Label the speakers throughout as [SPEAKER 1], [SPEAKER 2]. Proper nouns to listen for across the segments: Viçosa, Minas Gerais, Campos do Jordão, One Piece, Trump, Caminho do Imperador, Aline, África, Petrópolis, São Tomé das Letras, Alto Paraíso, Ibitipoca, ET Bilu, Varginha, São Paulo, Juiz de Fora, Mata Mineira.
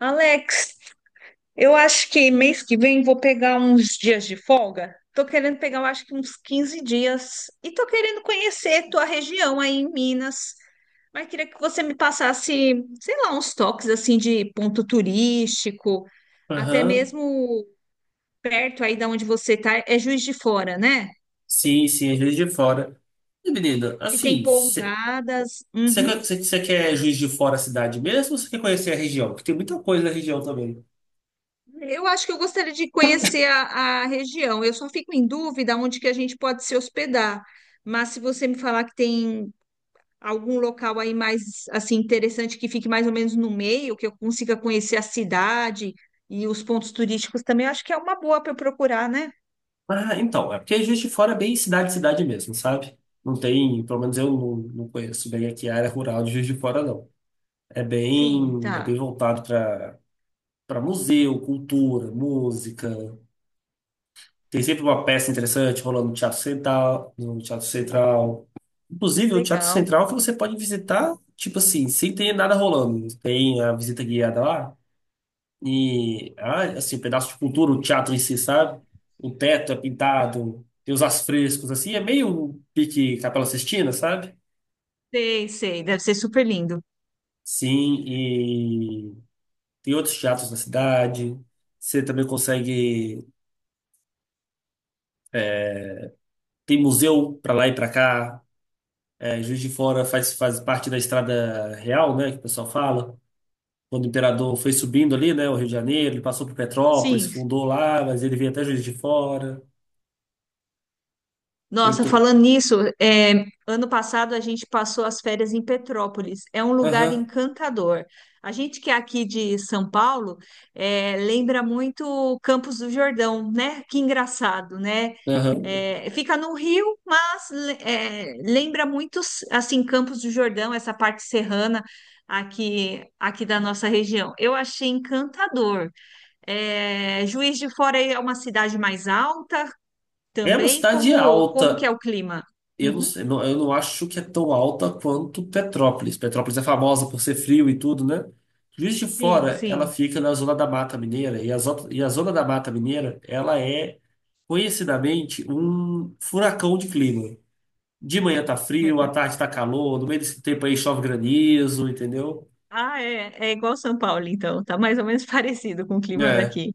[SPEAKER 1] Alex, eu acho que mês que vem vou pegar uns dias de folga. Tô querendo pegar, eu acho que uns 15 dias. E tô querendo conhecer tua região aí em Minas. Mas queria que você me passasse, sei lá, uns toques assim de ponto turístico, até
[SPEAKER 2] Aham.
[SPEAKER 1] mesmo perto aí da onde você tá, é Juiz de Fora, né?
[SPEAKER 2] Sim, sim, é Juiz de Fora. E, menina,
[SPEAKER 1] Se tem
[SPEAKER 2] assim, você
[SPEAKER 1] pousadas. Uhum.
[SPEAKER 2] quer Juiz de Fora a cidade mesmo, ou você quer conhecer a região? Porque tem muita coisa na região também.
[SPEAKER 1] Eu acho que eu gostaria de conhecer a região. Eu só fico em dúvida onde que a gente pode se hospedar. Mas se você me falar que tem algum local aí mais assim interessante que fique mais ou menos no meio, que eu consiga conhecer a cidade e os pontos turísticos também, eu acho que é uma boa para eu procurar, né?
[SPEAKER 2] É porque Juiz de Fora é bem cidade, cidade mesmo, sabe? Não tem, pelo menos eu não conheço bem aqui a área rural de Juiz de Fora, não. É
[SPEAKER 1] Sim,
[SPEAKER 2] bem, é
[SPEAKER 1] tá.
[SPEAKER 2] bem voltado para museu, cultura, música. Tem sempre uma peça interessante rolando no Teatro Central, no Teatro Central. Inclusive, o Teatro
[SPEAKER 1] Legal.
[SPEAKER 2] Central, que você pode visitar, tipo assim, sem ter nada rolando. Tem a visita guiada lá e, assim, um pedaço de cultura, o teatro em si, sabe? O teto é pintado, tem os afrescos, assim, é meio um pique Capela Sistina, sabe?
[SPEAKER 1] Sei, sei, deve ser super lindo.
[SPEAKER 2] Sim, e tem outros teatros na cidade. Você também consegue. Tem museu pra lá e pra cá. É, Juiz de Fora faz parte da Estrada Real, né, que o pessoal fala. Quando o imperador foi subindo ali, né, o Rio de Janeiro, ele passou por Petrópolis,
[SPEAKER 1] Sim.
[SPEAKER 2] fundou lá, mas ele veio até Juiz de Fora.
[SPEAKER 1] Nossa,
[SPEAKER 2] Tentou.
[SPEAKER 1] falando nisso, ano passado a gente passou as férias em Petrópolis. É um lugar
[SPEAKER 2] Aham,
[SPEAKER 1] encantador. A gente que é aqui de São Paulo, lembra muito o Campos do Jordão, né? Que engraçado, né?
[SPEAKER 2] aham.
[SPEAKER 1] É, fica no Rio, é, lembra muito assim Campos do Jordão, essa parte serrana aqui da nossa região. Eu achei encantador. É, Juiz de Fora é uma cidade mais alta.
[SPEAKER 2] É uma
[SPEAKER 1] Também
[SPEAKER 2] cidade
[SPEAKER 1] como que é
[SPEAKER 2] alta.
[SPEAKER 1] o clima?
[SPEAKER 2] Eu não
[SPEAKER 1] Uhum.
[SPEAKER 2] sei, eu não acho que é tão alta quanto Petrópolis. Petrópolis é famosa por ser frio e tudo, né? Juiz de
[SPEAKER 1] Sim,
[SPEAKER 2] Fora, ela
[SPEAKER 1] sim.
[SPEAKER 2] fica na zona da Mata Mineira, e a zona da Mata Mineira, ela é conhecidamente um furacão de clima. De manhã tá frio, à tarde tá calor, no meio desse tempo aí chove granizo, entendeu?
[SPEAKER 1] Ah, é, é igual São Paulo, então. Tá mais ou menos parecido com o clima
[SPEAKER 2] É.
[SPEAKER 1] daqui.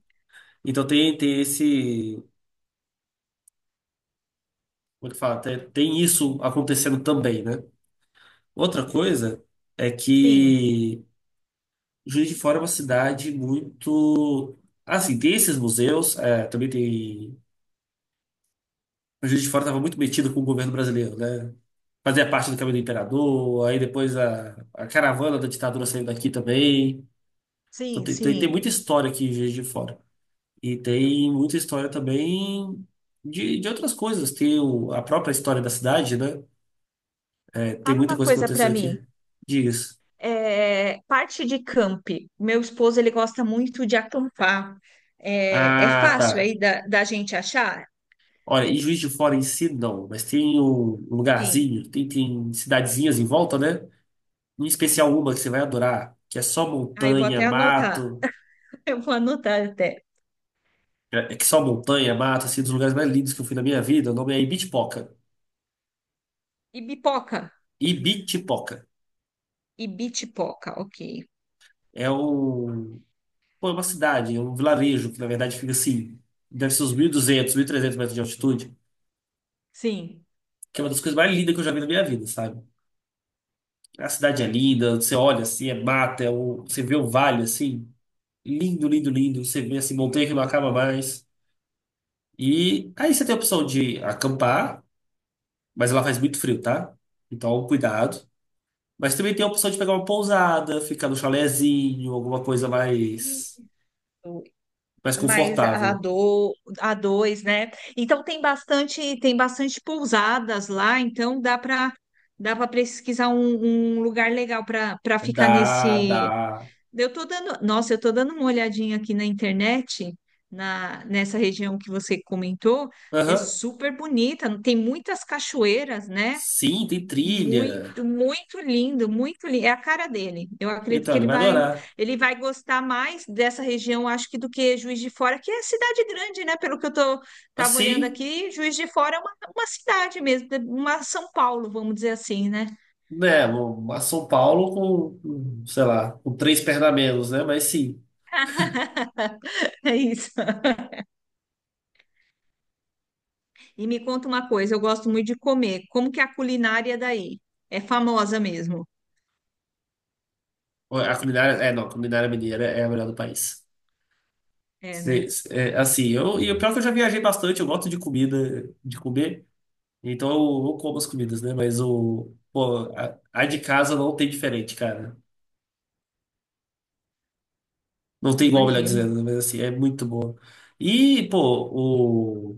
[SPEAKER 2] Então tem esse. Como é que fala? Tem isso acontecendo também, né? Outra coisa é
[SPEAKER 1] Sim,
[SPEAKER 2] que Juiz de Fora é uma cidade muito. Assim, tem esses museus, é, também tem. O Juiz de Fora estava muito metido com o governo brasileiro, né? Fazia parte do Caminho do Imperador, aí depois a caravana da ditadura saiu daqui também. Então
[SPEAKER 1] sim,
[SPEAKER 2] tem
[SPEAKER 1] sim.
[SPEAKER 2] muita história aqui em Juiz de Fora. E tem muita história também de outras coisas. Tem a própria história da cidade, né? É, tem
[SPEAKER 1] Fala
[SPEAKER 2] muita
[SPEAKER 1] uma
[SPEAKER 2] coisa que
[SPEAKER 1] coisa para
[SPEAKER 2] aconteceu
[SPEAKER 1] mim.
[SPEAKER 2] aqui. Diz.
[SPEAKER 1] É, parte de camp. Meu esposo, ele gosta muito de acampar. É, é
[SPEAKER 2] Ah, tá.
[SPEAKER 1] fácil aí da gente achar?
[SPEAKER 2] Olha, e Juiz de Fora em si, não. Mas tem um
[SPEAKER 1] Sim.
[SPEAKER 2] lugarzinho, tem cidadezinhas em volta, né? Em especial uma que você vai adorar, que é só
[SPEAKER 1] Aí eu vou
[SPEAKER 2] montanha,
[SPEAKER 1] até anotar.
[SPEAKER 2] mato.
[SPEAKER 1] Eu vou anotar até.
[SPEAKER 2] É que só montanha, mato, assim, um dos lugares mais lindos que eu fui na minha vida. O nome é Ibitipoca.
[SPEAKER 1] Ibipoca.
[SPEAKER 2] Ibitipoca.
[SPEAKER 1] Ibitipoca, ok.
[SPEAKER 2] É um Pô, é uma cidade, é um vilarejo, que na verdade fica assim, deve ser uns 1.200, trezentos metros de altitude,
[SPEAKER 1] Sim.
[SPEAKER 2] que é uma das coisas mais lindas que eu já vi na minha vida, sabe? A cidade é linda, você olha assim, é mata, você vê o vale assim, lindo, lindo, lindo, você vê assim, montanha que não acaba mais. E aí você tem a opção de acampar, mas ela faz muito frio, tá? Então, cuidado. Mas também tem a opção de pegar uma pousada, ficar no chalezinho, alguma coisa mais,
[SPEAKER 1] Isso.
[SPEAKER 2] mais
[SPEAKER 1] mais a
[SPEAKER 2] confortável.
[SPEAKER 1] do A dois, né? Então tem bastante pousadas lá, então dá para pesquisar um lugar legal para ficar
[SPEAKER 2] Dá,
[SPEAKER 1] nesse.
[SPEAKER 2] dá.
[SPEAKER 1] Eu tô dando, nossa, eu tô dando uma olhadinha aqui na internet, na nessa região que você comentou, é
[SPEAKER 2] Aham.
[SPEAKER 1] super bonita, tem muitas cachoeiras, né?
[SPEAKER 2] Sim, tem trilha.
[SPEAKER 1] Muito, muito lindo, muito lindo. É a cara dele. Eu acredito
[SPEAKER 2] Então,
[SPEAKER 1] que
[SPEAKER 2] ele vai adorar.
[SPEAKER 1] ele vai gostar mais dessa região, acho que do que Juiz de Fora, que é cidade grande, né? Pelo que eu tô, tava olhando
[SPEAKER 2] Assim,
[SPEAKER 1] aqui, Juiz de Fora é uma cidade mesmo, uma São Paulo, vamos dizer assim, né?
[SPEAKER 2] né? A São Paulo com, sei lá, com três pernas a menos, né? Mas sim.
[SPEAKER 1] É isso. E me conta uma coisa, eu gosto muito de comer. Como que é a culinária daí? É famosa mesmo.
[SPEAKER 2] A culinária. É, não, a culinária mineira é a melhor do país.
[SPEAKER 1] É, né?
[SPEAKER 2] É, assim, eu, e o pior é que eu já viajei bastante, eu gosto de comida, de comer. Então eu como as comidas, né? Mas o. Pô, a de casa não tem diferente, cara. Não tem igual, melhor
[SPEAKER 1] Imagino.
[SPEAKER 2] dizendo, né? Mas assim, é muito boa. E, pô,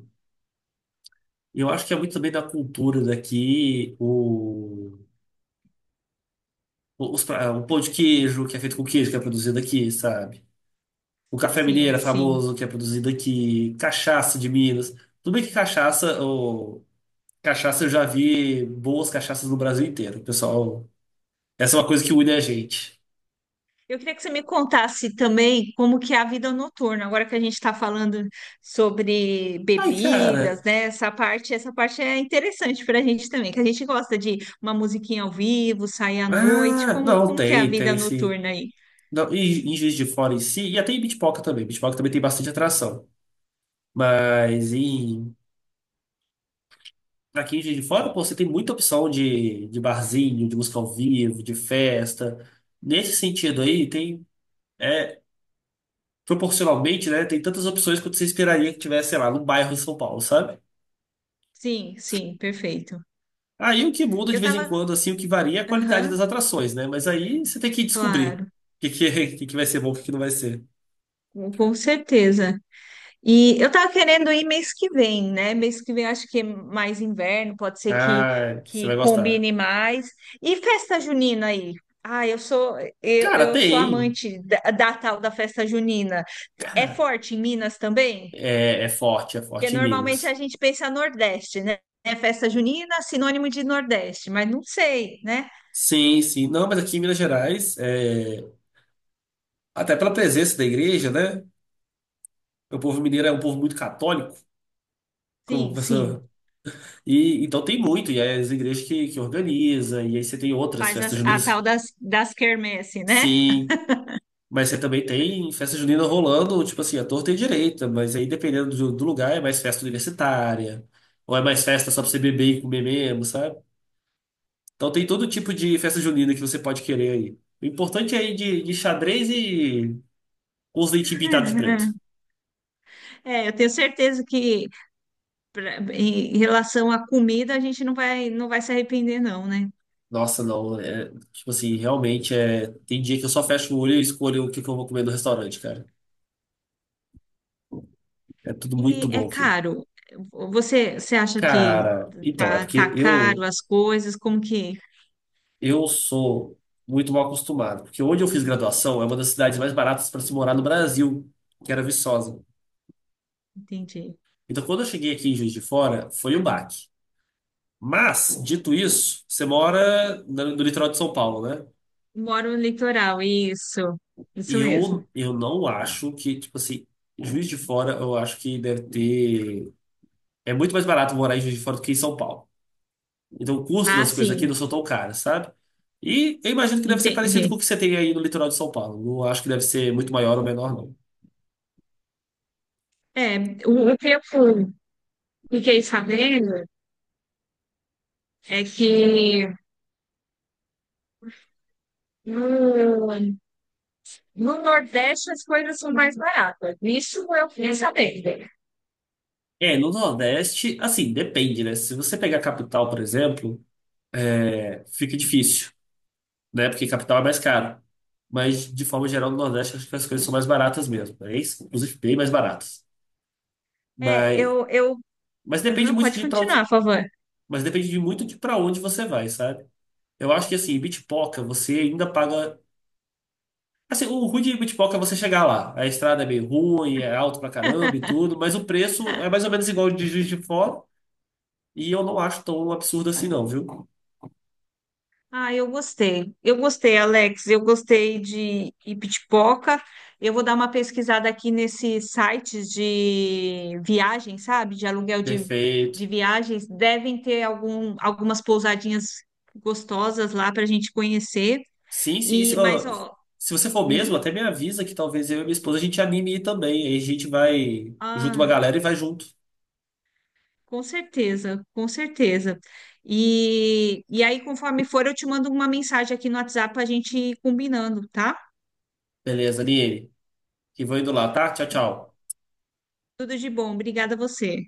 [SPEAKER 2] eu acho que é muito também da cultura daqui, o pão de queijo, que é feito com queijo, que é produzido aqui, sabe? O café
[SPEAKER 1] Sim,
[SPEAKER 2] mineiro é
[SPEAKER 1] sim.
[SPEAKER 2] famoso, que é produzido aqui, cachaça de Minas. Tudo bem que cachaça, eu já vi boas cachaças no Brasil inteiro, pessoal. Essa é uma coisa que une a gente.
[SPEAKER 1] Eu queria que você me contasse também como que é a vida noturna, agora que a gente está falando sobre
[SPEAKER 2] Ai,
[SPEAKER 1] bebidas,
[SPEAKER 2] cara.
[SPEAKER 1] né? Essa parte é interessante para a gente também, que a gente gosta de uma musiquinha ao vivo, sair à noite.
[SPEAKER 2] Ah, não,
[SPEAKER 1] Como que é a
[SPEAKER 2] tem,
[SPEAKER 1] vida
[SPEAKER 2] tem sim.
[SPEAKER 1] noturna aí?
[SPEAKER 2] Não, e em Juiz de Fora em si, e até em Bitpoca também. Bitpoca também tem bastante atração. Mas em Aqui em Juiz de Fora, pô, você tem muita opção de barzinho, de música ao vivo, de festa. Nesse sentido aí, tem, é, proporcionalmente, né, tem tantas opções quanto você esperaria que tivesse, sei lá, num bairro em São Paulo, sabe?
[SPEAKER 1] Sim, sim, perfeito.
[SPEAKER 2] Aí o que muda de
[SPEAKER 1] Eu
[SPEAKER 2] vez em
[SPEAKER 1] tava,
[SPEAKER 2] quando, assim, o que varia é a qualidade
[SPEAKER 1] aham,
[SPEAKER 2] das atrações, né? Mas aí você tem que descobrir
[SPEAKER 1] claro,
[SPEAKER 2] o que, que, o que que vai ser bom, o que não vai ser.
[SPEAKER 1] com certeza. E eu tava querendo ir mês que vem, né? Mês que vem eu acho que é mais inverno,
[SPEAKER 2] Ah, você
[SPEAKER 1] que
[SPEAKER 2] vai gostar.
[SPEAKER 1] combine mais. E festa junina aí? Ah,
[SPEAKER 2] Cara,
[SPEAKER 1] eu sou
[SPEAKER 2] tem.
[SPEAKER 1] amante da tal da festa junina. É forte em Minas também?
[SPEAKER 2] É
[SPEAKER 1] Porque
[SPEAKER 2] forte em
[SPEAKER 1] normalmente a
[SPEAKER 2] Minas.
[SPEAKER 1] gente pensa Nordeste, né? É festa junina, sinônimo de Nordeste, mas não sei, né?
[SPEAKER 2] Sim, sim. Não, mas aqui em Minas Gerais, é, até pela presença da igreja, né? O povo mineiro é um povo muito católico, como o
[SPEAKER 1] Sim, sim.
[SPEAKER 2] professor. E então tem muito, e aí as igrejas que organiza, e aí você tem outras
[SPEAKER 1] Faz
[SPEAKER 2] festas juninas.
[SPEAKER 1] tal das quermesse, né?
[SPEAKER 2] Sim, mas você também tem festa junina rolando, tipo assim, a torta e a direita, mas aí dependendo do, do lugar é mais festa universitária, ou é mais festa só pra você beber e comer mesmo, sabe? Então tem todo tipo de festa junina que você pode querer aí. O importante é ir de xadrez e com os leitinhos pintados de preto.
[SPEAKER 1] É, eu tenho certeza que em relação à comida, a gente não vai se arrepender, não, né?
[SPEAKER 2] Nossa, não. É, tipo assim, realmente é. Tem dia que eu só fecho o olho e escolho o que que eu vou comer no restaurante, cara. É tudo muito
[SPEAKER 1] E é
[SPEAKER 2] bom aqui.
[SPEAKER 1] caro. Você acha que
[SPEAKER 2] Cara, então, é
[SPEAKER 1] tá
[SPEAKER 2] porque
[SPEAKER 1] caro as coisas? Como que?
[SPEAKER 2] eu sou muito mal acostumado. Porque onde eu fiz graduação é uma das cidades mais baratas para se morar no Brasil, que era Viçosa.
[SPEAKER 1] Entendi.
[SPEAKER 2] Então, quando eu cheguei aqui em Juiz de Fora, foi um baque. Mas, dito isso, você mora no litoral de São Paulo, né?
[SPEAKER 1] Moro no litoral, isso.
[SPEAKER 2] E
[SPEAKER 1] Isso mesmo.
[SPEAKER 2] eu, eu não acho que, tipo assim, Juiz de Fora, eu acho que deve ter. É muito mais barato morar em Juiz de Fora do que em São Paulo. Então o custo
[SPEAKER 1] Ah,
[SPEAKER 2] das coisas aqui
[SPEAKER 1] sim,
[SPEAKER 2] não são tão caras, sabe? E eu imagino que deve ser parecido com
[SPEAKER 1] entendi.
[SPEAKER 2] o que você tem aí no litoral de São Paulo. Não acho que deve ser muito maior ou menor, não.
[SPEAKER 1] É, o que fiquei sabendo é que no, no Nordeste as coisas são mais baratas. Isso eu fiquei sabendo.
[SPEAKER 2] É, no Nordeste, assim, depende, né? Se você pegar a capital, por exemplo, é, fica difícil, né? Porque capital é mais caro. Mas, de forma geral, no Nordeste, acho que as coisas são mais baratas mesmo, né? Isso, inclusive, bem mais baratas.
[SPEAKER 1] É,
[SPEAKER 2] Mas,
[SPEAKER 1] eu...
[SPEAKER 2] mas depende
[SPEAKER 1] Aham,
[SPEAKER 2] muito
[SPEAKER 1] pode
[SPEAKER 2] de para onde,
[SPEAKER 1] continuar, por favor.
[SPEAKER 2] mas depende de muito de para onde você vai, sabe? Eu acho que, assim, em Bitpoca, você ainda paga. Assim, o ruim de Bitpoca é você chegar lá. A estrada é meio ruim, é alto pra caramba e tudo, mas o preço é mais ou menos igual ao de Juiz de Fora. E eu não acho tão absurdo assim, não, viu?
[SPEAKER 1] Ah, eu gostei. Eu gostei, Alex. Eu gostei de Ibitipoca. Eu vou dar uma pesquisada aqui nesses sites de viagem, sabe?
[SPEAKER 2] Perfeito.
[SPEAKER 1] De viagens. Devem ter algumas pousadinhas gostosas lá para a gente conhecer.
[SPEAKER 2] Sim, sim. Se,
[SPEAKER 1] E, mas,
[SPEAKER 2] ó,
[SPEAKER 1] ó,
[SPEAKER 2] se você for mesmo,
[SPEAKER 1] uhum,
[SPEAKER 2] até me avisa que talvez eu e minha esposa a gente anime ir também. Aí a gente vai, junto uma
[SPEAKER 1] ah,
[SPEAKER 2] galera e vai junto.
[SPEAKER 1] com certeza, com certeza. E aí, conforme for, eu te mando uma mensagem aqui no WhatsApp para a gente ir combinando, tá?
[SPEAKER 2] Beleza, Aline? Que vou indo lá, tá? Tchau, tchau.
[SPEAKER 1] Tudo de bom. Obrigada a você.